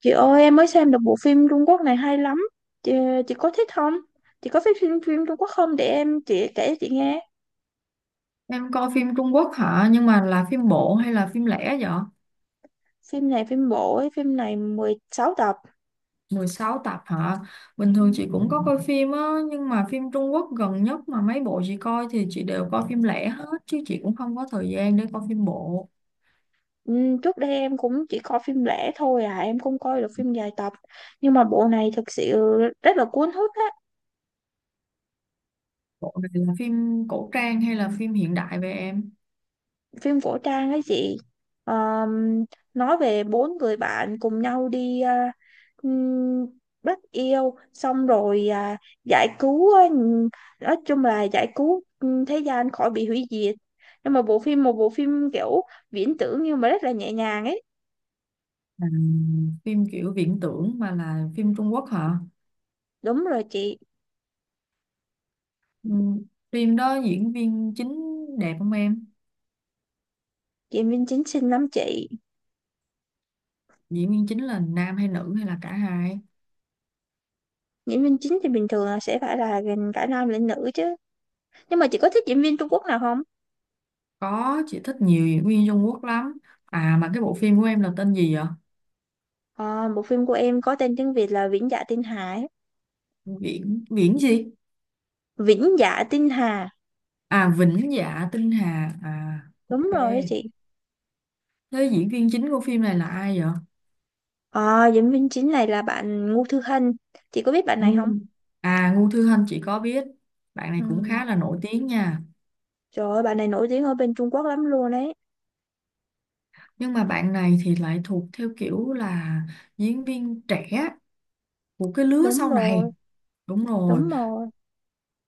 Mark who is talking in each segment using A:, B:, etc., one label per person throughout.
A: Chị ơi, em mới xem được bộ phim Trung Quốc này hay lắm. Chị, chị có thích không? Chị có thích phim phim Trung Quốc không? Để chị kể chị nghe.
B: Em coi phim Trung Quốc hả? Nhưng mà là phim bộ hay là phim lẻ vậy?
A: Phim này phim bộ ấy, phim này 16 tập.
B: 16 tập hả? Bình
A: Ừ.
B: thường chị cũng có coi phim á, nhưng mà phim Trung Quốc gần nhất mà mấy bộ chị coi thì chị đều coi phim lẻ hết, chứ chị cũng không có thời gian để coi phim bộ.
A: Ừ. Trước đây em cũng chỉ coi phim lẻ thôi à. Em không coi được phim dài tập. Nhưng mà bộ này thực sự rất là cuốn hút á.
B: Bộ này là phim cổ trang hay là phim hiện đại về em?
A: Phim cổ trang ấy chị. Ờm, nói về bốn người bạn cùng nhau đi ừm, bắt yêu xong rồi giải cứu nói chung là giải cứu thế gian khỏi bị hủy diệt. Nhưng mà bộ phim một bộ phim kiểu viễn tưởng nhưng mà rất là nhẹ nhàng ấy.
B: À, phim kiểu viễn tưởng mà là phim Trung Quốc hả?
A: Đúng rồi chị.
B: Ừ, phim đó diễn viên chính đẹp không em?
A: Diễn viên chính xinh lắm chị.
B: Diễn viên chính là nam hay nữ hay là cả hai?
A: Diễn viên chính thì bình thường là sẽ phải là gần cả nam lẫn nữ chứ. Nhưng mà chị có thích diễn viên Trung Quốc nào không?
B: Có, chị thích nhiều diễn viên Trung Quốc lắm. À mà cái bộ phim của em là tên gì vậy?
A: Ờ, bộ phim của em có tên tiếng Việt là Vĩnh Dạ Tinh Hải.
B: Viễn Viễn gì?
A: Vĩnh Dạ Tinh Hà.
B: À Vĩnh Dạ Tinh Hà. À
A: Đúng
B: ok.
A: rồi đấy chị.
B: Thế diễn viên chính của phim này là ai vậy?
A: Diễn viên chính này là bạn Ngô Thư Hân. Chị có biết bạn này không?
B: Ngu À Ngu Thư Hân chị có biết. Bạn này
A: Ừ.
B: cũng khá là nổi tiếng nha.
A: Trời ơi, bạn này nổi tiếng ở bên Trung Quốc lắm luôn đấy.
B: Nhưng mà bạn này thì lại thuộc theo kiểu là diễn viên trẻ của cái lứa
A: Đúng
B: sau này.
A: rồi,
B: Đúng rồi,
A: đúng rồi.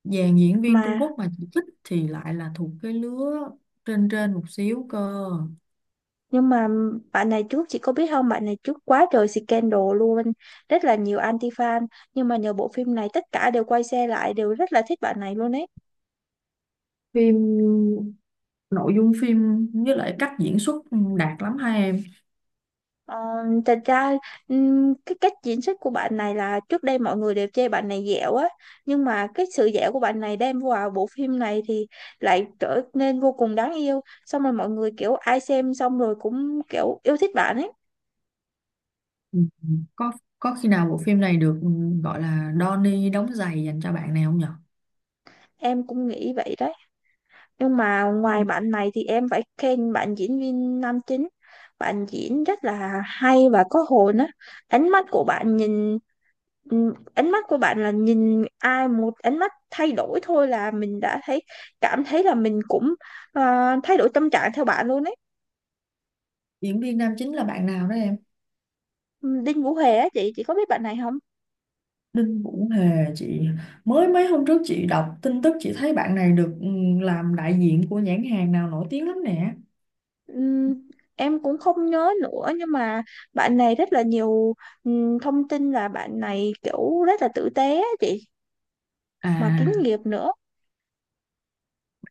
B: dàn diễn viên Trung
A: mà
B: Quốc mà chị thích thì lại là thuộc cái lứa trên trên một xíu cơ.
A: nhưng mà bạn này trước, chị có biết không? Bạn này trước quá trời scandal luôn. Rất là nhiều anti fan. Nhưng mà nhờ bộ phim này tất cả đều quay xe lại, đều rất là thích bạn này luôn đấy.
B: Phim, nội dung phim với lại cách diễn xuất đạt lắm hai em.
A: Ờ, thật ra cái cách diễn xuất của bạn này là trước đây mọi người đều chê bạn này dẻo á. Nhưng mà cái sự dẻo của bạn này đem vào bộ phim này thì lại trở nên vô cùng đáng yêu. Xong rồi mọi người kiểu ai xem xong rồi cũng kiểu yêu thích bạn ấy.
B: Ừ. có có khi nào bộ phim này được gọi là Donnie đóng giày dành cho bạn này không nhở?
A: Em cũng nghĩ vậy đấy. Nhưng mà ngoài
B: Ừ.
A: bạn này thì em phải khen bạn diễn viên nam chính. Bạn diễn rất là hay và có hồn á. ánh mắt của bạn nhìn Ánh mắt của bạn là nhìn ai một ánh mắt thay đổi thôi là mình đã thấy, cảm thấy là mình cũng ờ, thay đổi tâm trạng theo bạn luôn đấy.
B: Diễn viên nam chính là bạn nào đó em?
A: Ừ, Đinh Vũ Hề á chị. Chị có biết bạn này không?
B: Đinh Vũ Hề chị, mới mấy hôm trước chị đọc tin tức chị thấy bạn này được làm đại diện của nhãn hàng nào nổi tiếng lắm nè.
A: Ừm, em cũng không nhớ nữa nhưng mà bạn này rất là nhiều thông tin là bạn này kiểu rất là tử tế á chị. Mà kín
B: À,
A: nghiệp nữa.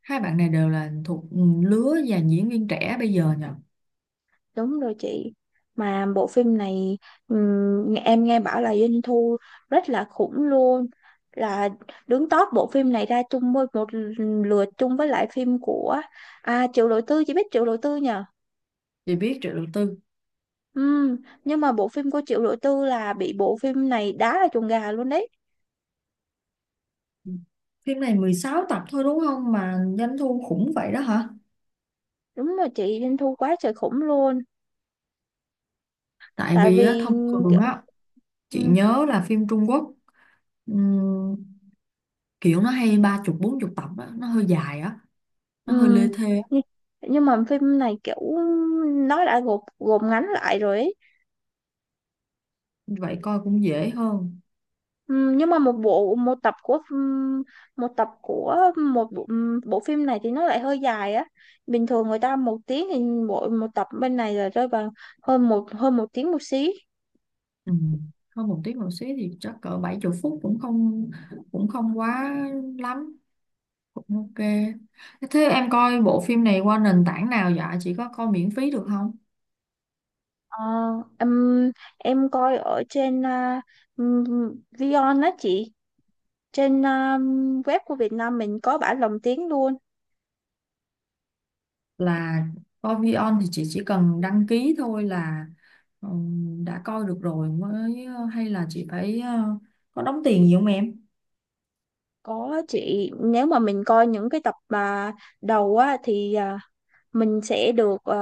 B: hai bạn này đều là thuộc lứa dàn diễn viên trẻ bây giờ nhở?
A: Đúng rồi chị. Mà bộ phim này em nghe bảo là doanh thu rất là khủng luôn. Là đứng top, bộ phim này ra chung với một lượt chung với lại phim của Triệu Lộ Tư. Chị biết Triệu Lộ Tư nhờ?
B: Chị biết Triệu Đầu Tư.
A: Ừm, nhưng mà bộ phim của Triệu Lộ Tư là bị bộ phim này đá là chuồng gà luôn đấy.
B: Ừ. Phim này 16 tập thôi đúng không mà doanh thu khủng vậy đó hả?
A: Đúng rồi chị, doanh thu quá trời khủng luôn.
B: Tại
A: Tại
B: vì á,
A: vì
B: thông thường
A: kiểu
B: á, chị
A: ừm,
B: nhớ là phim Trung Quốc ừm, kiểu nó hay ba chục bốn chục tập á, nó hơi dài á, nó hơi lê
A: ừm,
B: thê á.
A: nhưng nhưng mà phim này kiểu nó đã gộp gộp ngắn lại rồi ấy.
B: Vậy coi cũng dễ hơn.
A: Nhưng mà một tập của một bộ, bộ phim này thì nó lại hơi dài á. Bình thường người ta một tiếng thì mỗi một tập bên này là rơi vào hơn một tiếng một xí.
B: Ừm, Hơn một tiếng một xí thì chắc cỡ 70 phút cũng không quá lắm, cũng ok. Thế em coi bộ phim này qua nền tảng nào dạ? Chị có coi miễn phí được không?
A: Ờ, em em coi ở trên Vion á chị, trên web của Việt Nam mình có bản lồng tiếng luôn.
B: Là coi Vion thì chị chỉ cần đăng ký thôi là đã coi được rồi mới hay là chị phải có đóng tiền gì không em?
A: Có chị, nếu mà mình coi những cái tập mà đầu á thì mình sẽ được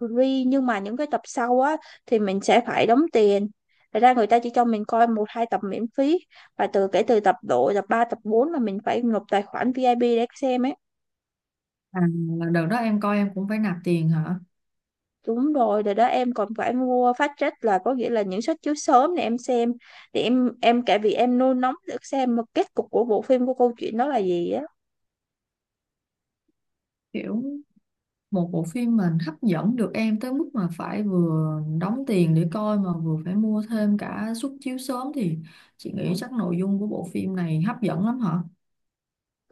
A: free, nhưng mà những cái tập sau á thì mình sẽ phải đóng tiền. Thật ra người ta chỉ cho mình coi một hai tập miễn phí và kể từ tập, độ tập 3 tập 4 là mình phải nộp tài khoản VIP để xem ấy.
B: À, là đợt đó em coi em cũng phải nạp tiền hả?
A: Đúng rồi rồi đó, em còn phải mua fast track, là có nghĩa là những suất chiếu sớm để em xem, để em cả vì em nôn nóng được xem một kết cục của bộ phim, của câu chuyện đó là gì á.
B: Kiểu một bộ phim mình hấp dẫn được em tới mức mà phải vừa đóng tiền để coi mà vừa phải mua thêm cả suất chiếu sớm thì chị nghĩ chắc nội dung của bộ phim này hấp dẫn lắm hả?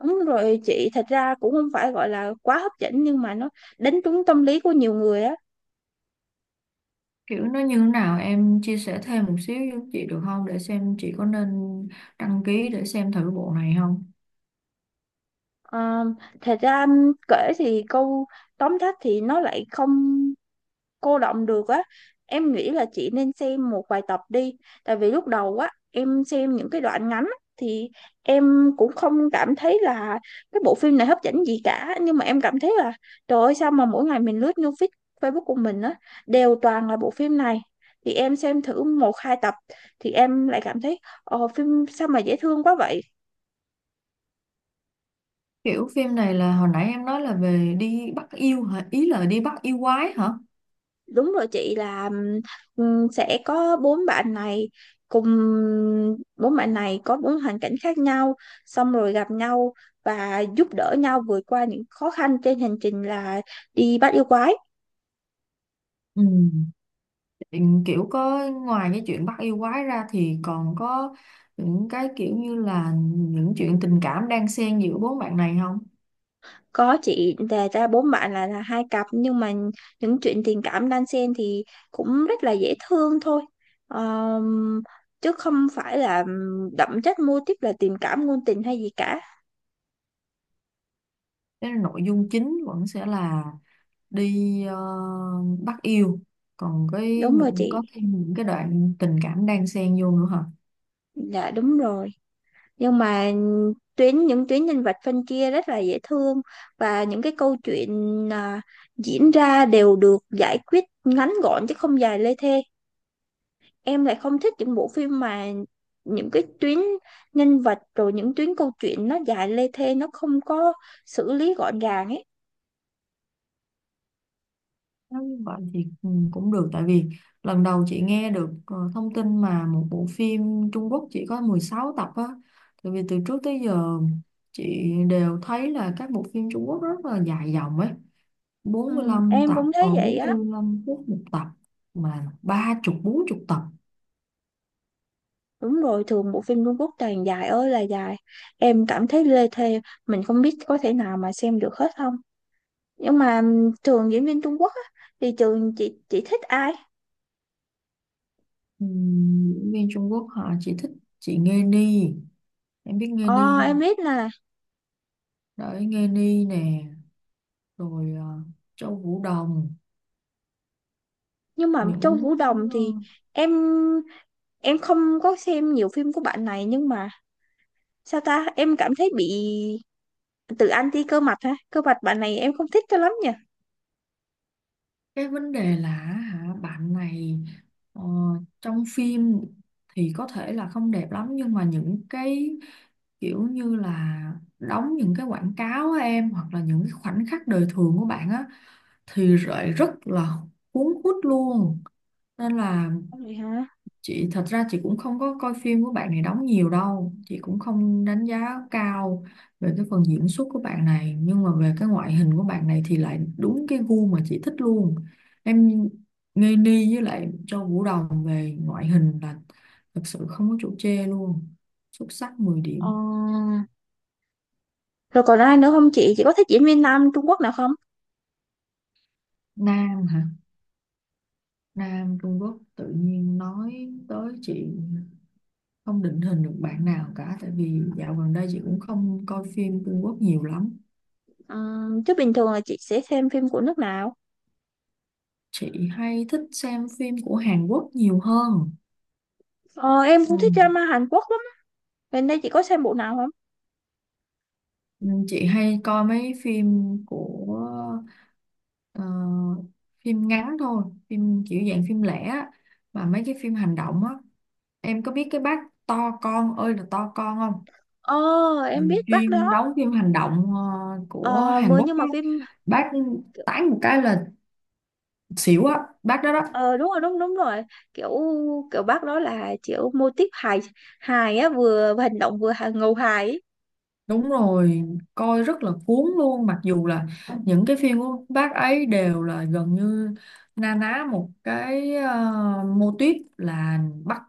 A: Đúng rồi chị, thật ra cũng không phải gọi là quá hấp dẫn nhưng mà nó đánh trúng tâm lý của nhiều người á.
B: Kiểu nó như thế nào em chia sẻ thêm một xíu với chị được không để xem chị có nên đăng ký để xem thử bộ này không?
A: Ờ, thật ra anh kể thì câu tóm tắt thì nó lại không cô đọng được á. Em nghĩ là chị nên xem một vài tập đi. Tại vì lúc đầu á em xem những cái đoạn ngắn á, thì em cũng không cảm thấy là cái bộ phim này hấp dẫn gì cả. Nhưng mà em cảm thấy là trời ơi, sao mà mỗi ngày mình lướt news feed Facebook của mình á, đều toàn là bộ phim này. Thì em xem thử một hai tập thì em lại cảm thấy phim sao mà dễ thương quá vậy.
B: Kiểu phim này là hồi nãy em nói là về đi bắt yêu hả? Ý là đi bắt yêu quái hả?
A: Đúng rồi chị, là sẽ có bốn bạn này, cùng bốn bạn này có bốn hoàn cảnh khác nhau xong rồi gặp nhau và giúp đỡ nhau vượt qua những khó khăn trên hành trình là đi bắt yêu quái.
B: Ừ. Ừ, kiểu có ngoài cái chuyện bắt yêu quái ra thì còn có những cái kiểu như là những chuyện tình cảm đang xen giữa bốn bạn này không?
A: Có chị, đề ra bốn bạn là hai cặp nhưng mà những chuyện tình cảm đan xen thì cũng rất là dễ thương thôi. Ờm, Chứ không phải là đậm chất mô típ là tình cảm ngôn tình hay gì cả.
B: Cái nội dung chính vẫn sẽ là đi bắt yêu. Còn cái
A: Đúng rồi
B: những
A: chị.
B: có thêm những cái đoạn tình cảm đang xen vô nữa hả?
A: Dạ đúng rồi. Nhưng mà những tuyến nhân vật phân chia rất là dễ thương và những cái câu chuyện à, diễn ra đều được giải quyết ngắn gọn chứ không dài lê thê. Em lại không thích những bộ phim mà những cái tuyến nhân vật rồi những tuyến câu chuyện nó dài lê thê, nó không có xử lý gọn gàng ấy.
B: Nếu như vậy thì cũng được tại vì lần đầu chị nghe được thông tin mà một bộ phim Trung Quốc chỉ có 16 tập á, tại vì từ trước tới giờ chị đều thấy là các bộ phim Trung Quốc rất là dài dòng ấy,
A: Ừ,
B: bốn mươi lăm
A: em
B: tập
A: cũng thấy vậy
B: bốn mươi
A: á.
B: lăm phút một tập, mà ba chục bốn chục tập.
A: Đúng rồi, thường bộ phim Trung Quốc toàn dài ơi là dài. Em cảm thấy lê thê, mình không biết có thể nào mà xem được hết không. Nhưng mà trường diễn viên Trung Quốc á, thì trường chị thích ai?
B: Ừ, diễn viên Trung Quốc họ chỉ thích chị Nghê Ni, em biết Nghê Ni
A: Ờ, em
B: không?
A: biết là.
B: Đấy Nghê Ni nè, rồi Châu Vũ Đồng,
A: Nhưng mà Châu
B: những
A: Vũ Đồng
B: ờ,
A: thì em em không có xem nhiều phim của bạn này. Nhưng mà sao ta, em cảm thấy bị tự anti. Cơ mặt bạn này em không thích cho lắm nhỉ.
B: cái vấn đề là hả bạn này ờ, trong phim thì có thể là không đẹp lắm, nhưng mà những cái kiểu như là đóng những cái quảng cáo á em hoặc là những cái khoảnh khắc đời thường của bạn á thì lại rất là cuốn hút luôn, nên là
A: Vậy hả.
B: chị thật ra chị cũng không có coi phim của bạn này đóng nhiều đâu, chị cũng không đánh giá cao về cái phần diễn xuất của bạn này nhưng mà về cái ngoại hình của bạn này thì lại đúng cái gu mà chị thích luôn. Em, ngây ni với lại Châu Vũ Đồng về ngoại hình là thật sự không có chỗ chê luôn, xuất sắc 10 điểm.
A: ờ Rồi còn ai nữa không chị? Chị có thích diễn viên nam Trung Quốc nào không?
B: Nam hả? Nam Trung Quốc tự nhiên nói tới chị không định hình được bạn nào cả tại vì dạo gần đây chị cũng không coi phim Trung Quốc nhiều lắm.
A: Chứ bình thường là chị sẽ xem phim của nước nào?
B: Chị hay thích xem phim của Hàn Quốc nhiều hơn.
A: Ờ, em
B: Ừ.
A: cũng thích drama Hàn Quốc lắm. Gần đây chị có xem bộ nào không?
B: Ừ, chị hay coi mấy phim của ờ, phim ngắn thôi, phim kiểu dạng phim lẻ á, mà mấy cái phim hành động á. Em có biết cái bác to con ơi là to con không?
A: Ờ,
B: Ừ,
A: em biết bác
B: chuyên
A: đó.
B: đóng phim hành động của
A: Ờ
B: Hàn
A: mới
B: Quốc
A: Nhưng
B: á.
A: mà phim
B: Bác
A: kiểu,
B: tán một cái là xỉu á, bác đó đó.
A: ờ đúng rồi, đúng đúng rồi. Kiểu kiểu bác đó là kiểu mô típ hài, hài á, vừa hành động vừa hài, ngầu hài ấy.
B: Đúng rồi, coi rất là cuốn luôn mặc dù là những cái phim của bác ấy đều là gần như na ná một cái mô típ là bắt,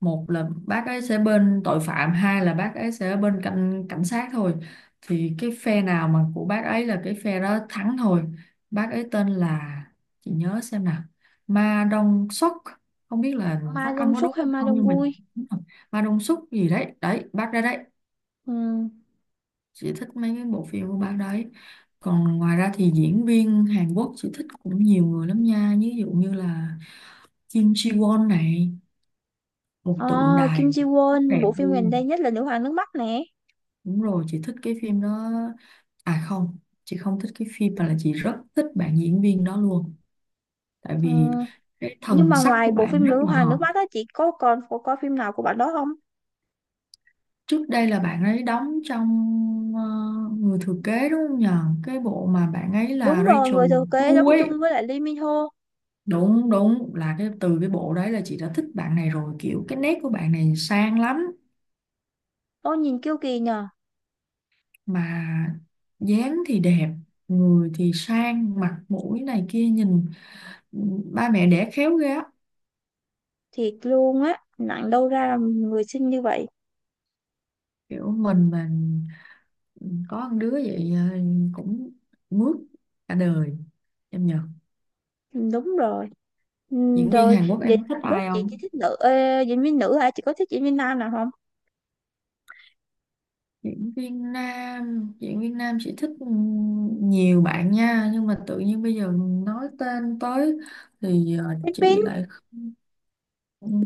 B: một là bác ấy sẽ bên tội phạm, hai là bác ấy sẽ bên cảnh cảnh sát thôi, thì cái phe nào mà của bác ấy là cái phe đó thắng thôi. Bác ấy tên là, chị nhớ xem nào, Ma Đông Xuất, không biết là
A: Ma
B: phát âm
A: Dong
B: có đúng
A: Suk hay
B: hay
A: Ma
B: không
A: Dong
B: nhưng mà
A: Gu?
B: đúng rồi. Ma Đông Xuất gì đấy đấy, bác ra đấy.
A: Ừ.
B: Chị thích mấy cái bộ phim của bạn đấy. Còn ngoài ra thì diễn viên Hàn Quốc chị thích cũng nhiều người lắm nha, ví dụ như là Kim Ji Won này, một
A: Ờ,
B: tượng đài
A: Kim Ji
B: rất
A: Won,
B: đẹp
A: bộ phim gần đây
B: luôn.
A: nhất là Nữ Hoàng Nước Mắt nè.
B: Đúng rồi chị thích cái phim đó, à không, chị không thích cái phim mà là chị rất thích bạn diễn viên đó luôn tại
A: Ừ.
B: vì cái
A: Nhưng
B: thần
A: mà
B: sắc
A: ngoài
B: của
A: bộ
B: bạn
A: phim
B: rất
A: Nữ
B: là
A: Hoàng
B: hợp.
A: Nước Mắt á chị có còn có phim nào của bạn đó không?
B: Trước đây là bạn ấy đóng trong ờ, người thừa kế, đúng không nhờ, cái bộ mà bạn ấy
A: Đúng
B: là
A: rồi, Người
B: Rachel
A: Thừa Kế đóng
B: Chu ấy,
A: chung với lại Lee Min Ho.
B: đúng đúng, là cái từ cái bộ đấy là chị đã thích bạn này rồi, kiểu cái nét của bạn này sang lắm.
A: Ôi nhìn kiêu kỳ nhờ.
B: Mà dáng thì đẹp, người thì sang, mặt mũi này kia nhìn, ba mẹ đẻ khéo ghê á.
A: Thiệt luôn á, nặng đâu ra là người xinh như vậy.
B: Kiểu mình mà có con đứa vậy cũng mướt cả đời em nhờ.
A: Ừ, đúng rồi. Ừ.
B: Diễn viên
A: Rồi
B: Hàn Quốc
A: vậy
B: em có
A: Hàn
B: thích
A: Quốc
B: ai
A: chị chỉ
B: không?
A: thích nữ, diễn viên nữ hả? Chị có thích diễn viên nam nào không?
B: Diễn viên nam chị thích nhiều bạn nha, nhưng mà tự nhiên bây giờ nói tên tới thì chị
A: Bin.
B: lại không,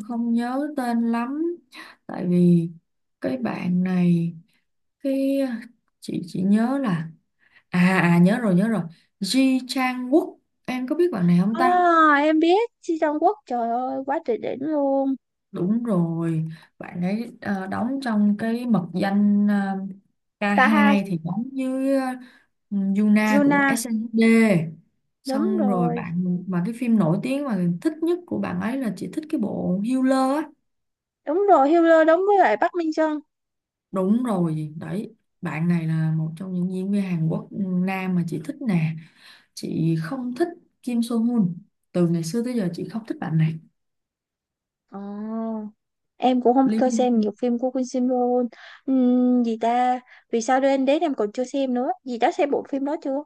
B: không nhớ tên lắm tại vì cái bạn này, cái chị nhớ là, à à nhớ rồi nhớ rồi, Ji Chang Wook, em có biết bạn này không
A: À,
B: ta?
A: em biết Ji Jong Quốc, trời ơi quá trời đỉnh luôn.
B: Đúng rồi, bạn ấy đóng trong cái mật danh
A: Cả hai.
B: K2 thì đóng với Yuna của
A: Juna.
B: SNSD.
A: Đúng
B: Xong rồi
A: rồi.
B: bạn mà cái phim nổi tiếng mà thích nhất của bạn ấy là chị thích cái bộ Healer á.
A: Đúng rồi, Hiller đóng với lại Bắc Minh Trân.
B: Đúng rồi, đấy. Bạn này là một trong những diễn viên Hàn Quốc nam mà chị thích nè. Chị không thích Kim So Hyun. Từ ngày xưa tới giờ chị không thích bạn này.
A: Ờ, em cũng không
B: Lee
A: có xem
B: Min,
A: nhiều phim của Queen Sim luôn. Gì ta. Vì sao đến đến em còn chưa xem nữa gì đã xem bộ phim đó chưa?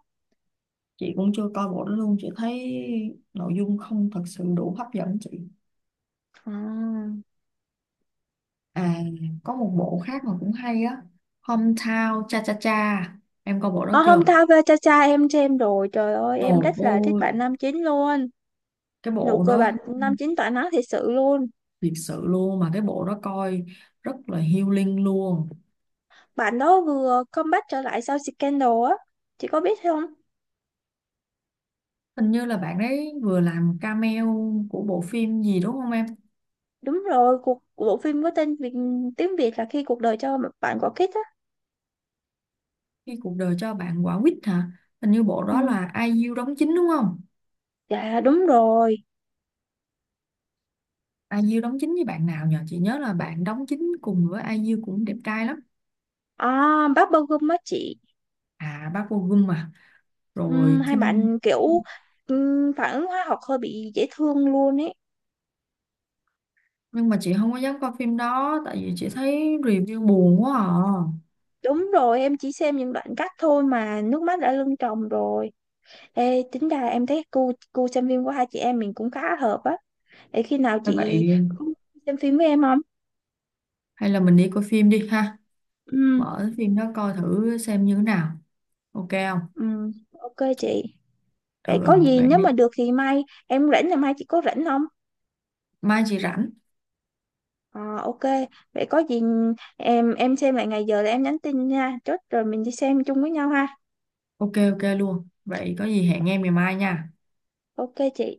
B: chị cũng chưa coi bộ đó luôn, chị thấy nội dung không thật sự đủ hấp dẫn chị.
A: À.
B: À, có một bộ khác mà cũng hay á, Hometown Cha Cha Cha, em coi bộ đó
A: Ở hôm
B: chưa?
A: tao về cha cha, em xem rồi, trời ơi em
B: Đồ
A: rất là thích
B: ô,
A: bạn nam chính luôn.
B: cái
A: Nụ
B: bộ
A: cười
B: đó
A: bạn năm chín tỏa nắng thiệt sự luôn.
B: thiệt sự luôn, mà cái bộ đó coi rất là healing luôn.
A: Bạn đó vừa comeback trở lại sau scandal á. Chị có biết không?
B: Hình như là bạn ấy vừa làm cameo của bộ phim gì đúng không em?
A: Đúng rồi, bộ phim có tên Việt, tiếng Việt là Khi Cuộc Đời Cho Bạn Quả Quýt á.
B: Khi cuộc đời cho bạn quả quýt hả? Hình như bộ
A: Ừ.
B: đó là IU đóng chính đúng không?
A: Dạ đúng rồi.
B: IU đóng chính với bạn nào nhờ, chị nhớ là bạn đóng chính cùng với IU cũng đẹp trai lắm.
A: À, Bubble Gum á chị.
B: À bác Vô Gum mà,
A: Ừ,
B: rồi
A: hai
B: Kim,
A: bạn kiểu phản ứng hóa học hơi bị dễ thương luôn ấy.
B: nhưng mà chị không có dám coi phim đó tại vì chị thấy review buồn quá à.
A: Đúng rồi, em chỉ xem những đoạn cắt thôi mà nước mắt đã lưng tròng rồi. Ê, tính ra em thấy gu gu xem phim của hai chị em mình cũng khá hợp á. Để khi nào
B: Hay
A: chị
B: vậy.
A: cũng xem phim với em không?
B: Hay là mình đi coi phim đi ha,
A: Ừ,
B: mở cái phim đó coi thử xem như thế nào, ok không?
A: ừ, ok chị. Vậy
B: Ừ
A: có
B: ừ
A: gì
B: vậy
A: nếu
B: đi.
A: mà được thì mai em rảnh là mai chị có rảnh không?
B: Mai chị rảnh.
A: Ờ, ok. Vậy có gì em xem lại ngày giờ là em nhắn tin nha. Chốt rồi mình đi xem chung với nhau ha.
B: Ok ok luôn, vậy có gì hẹn em ngày mai nha.
A: Ok chị.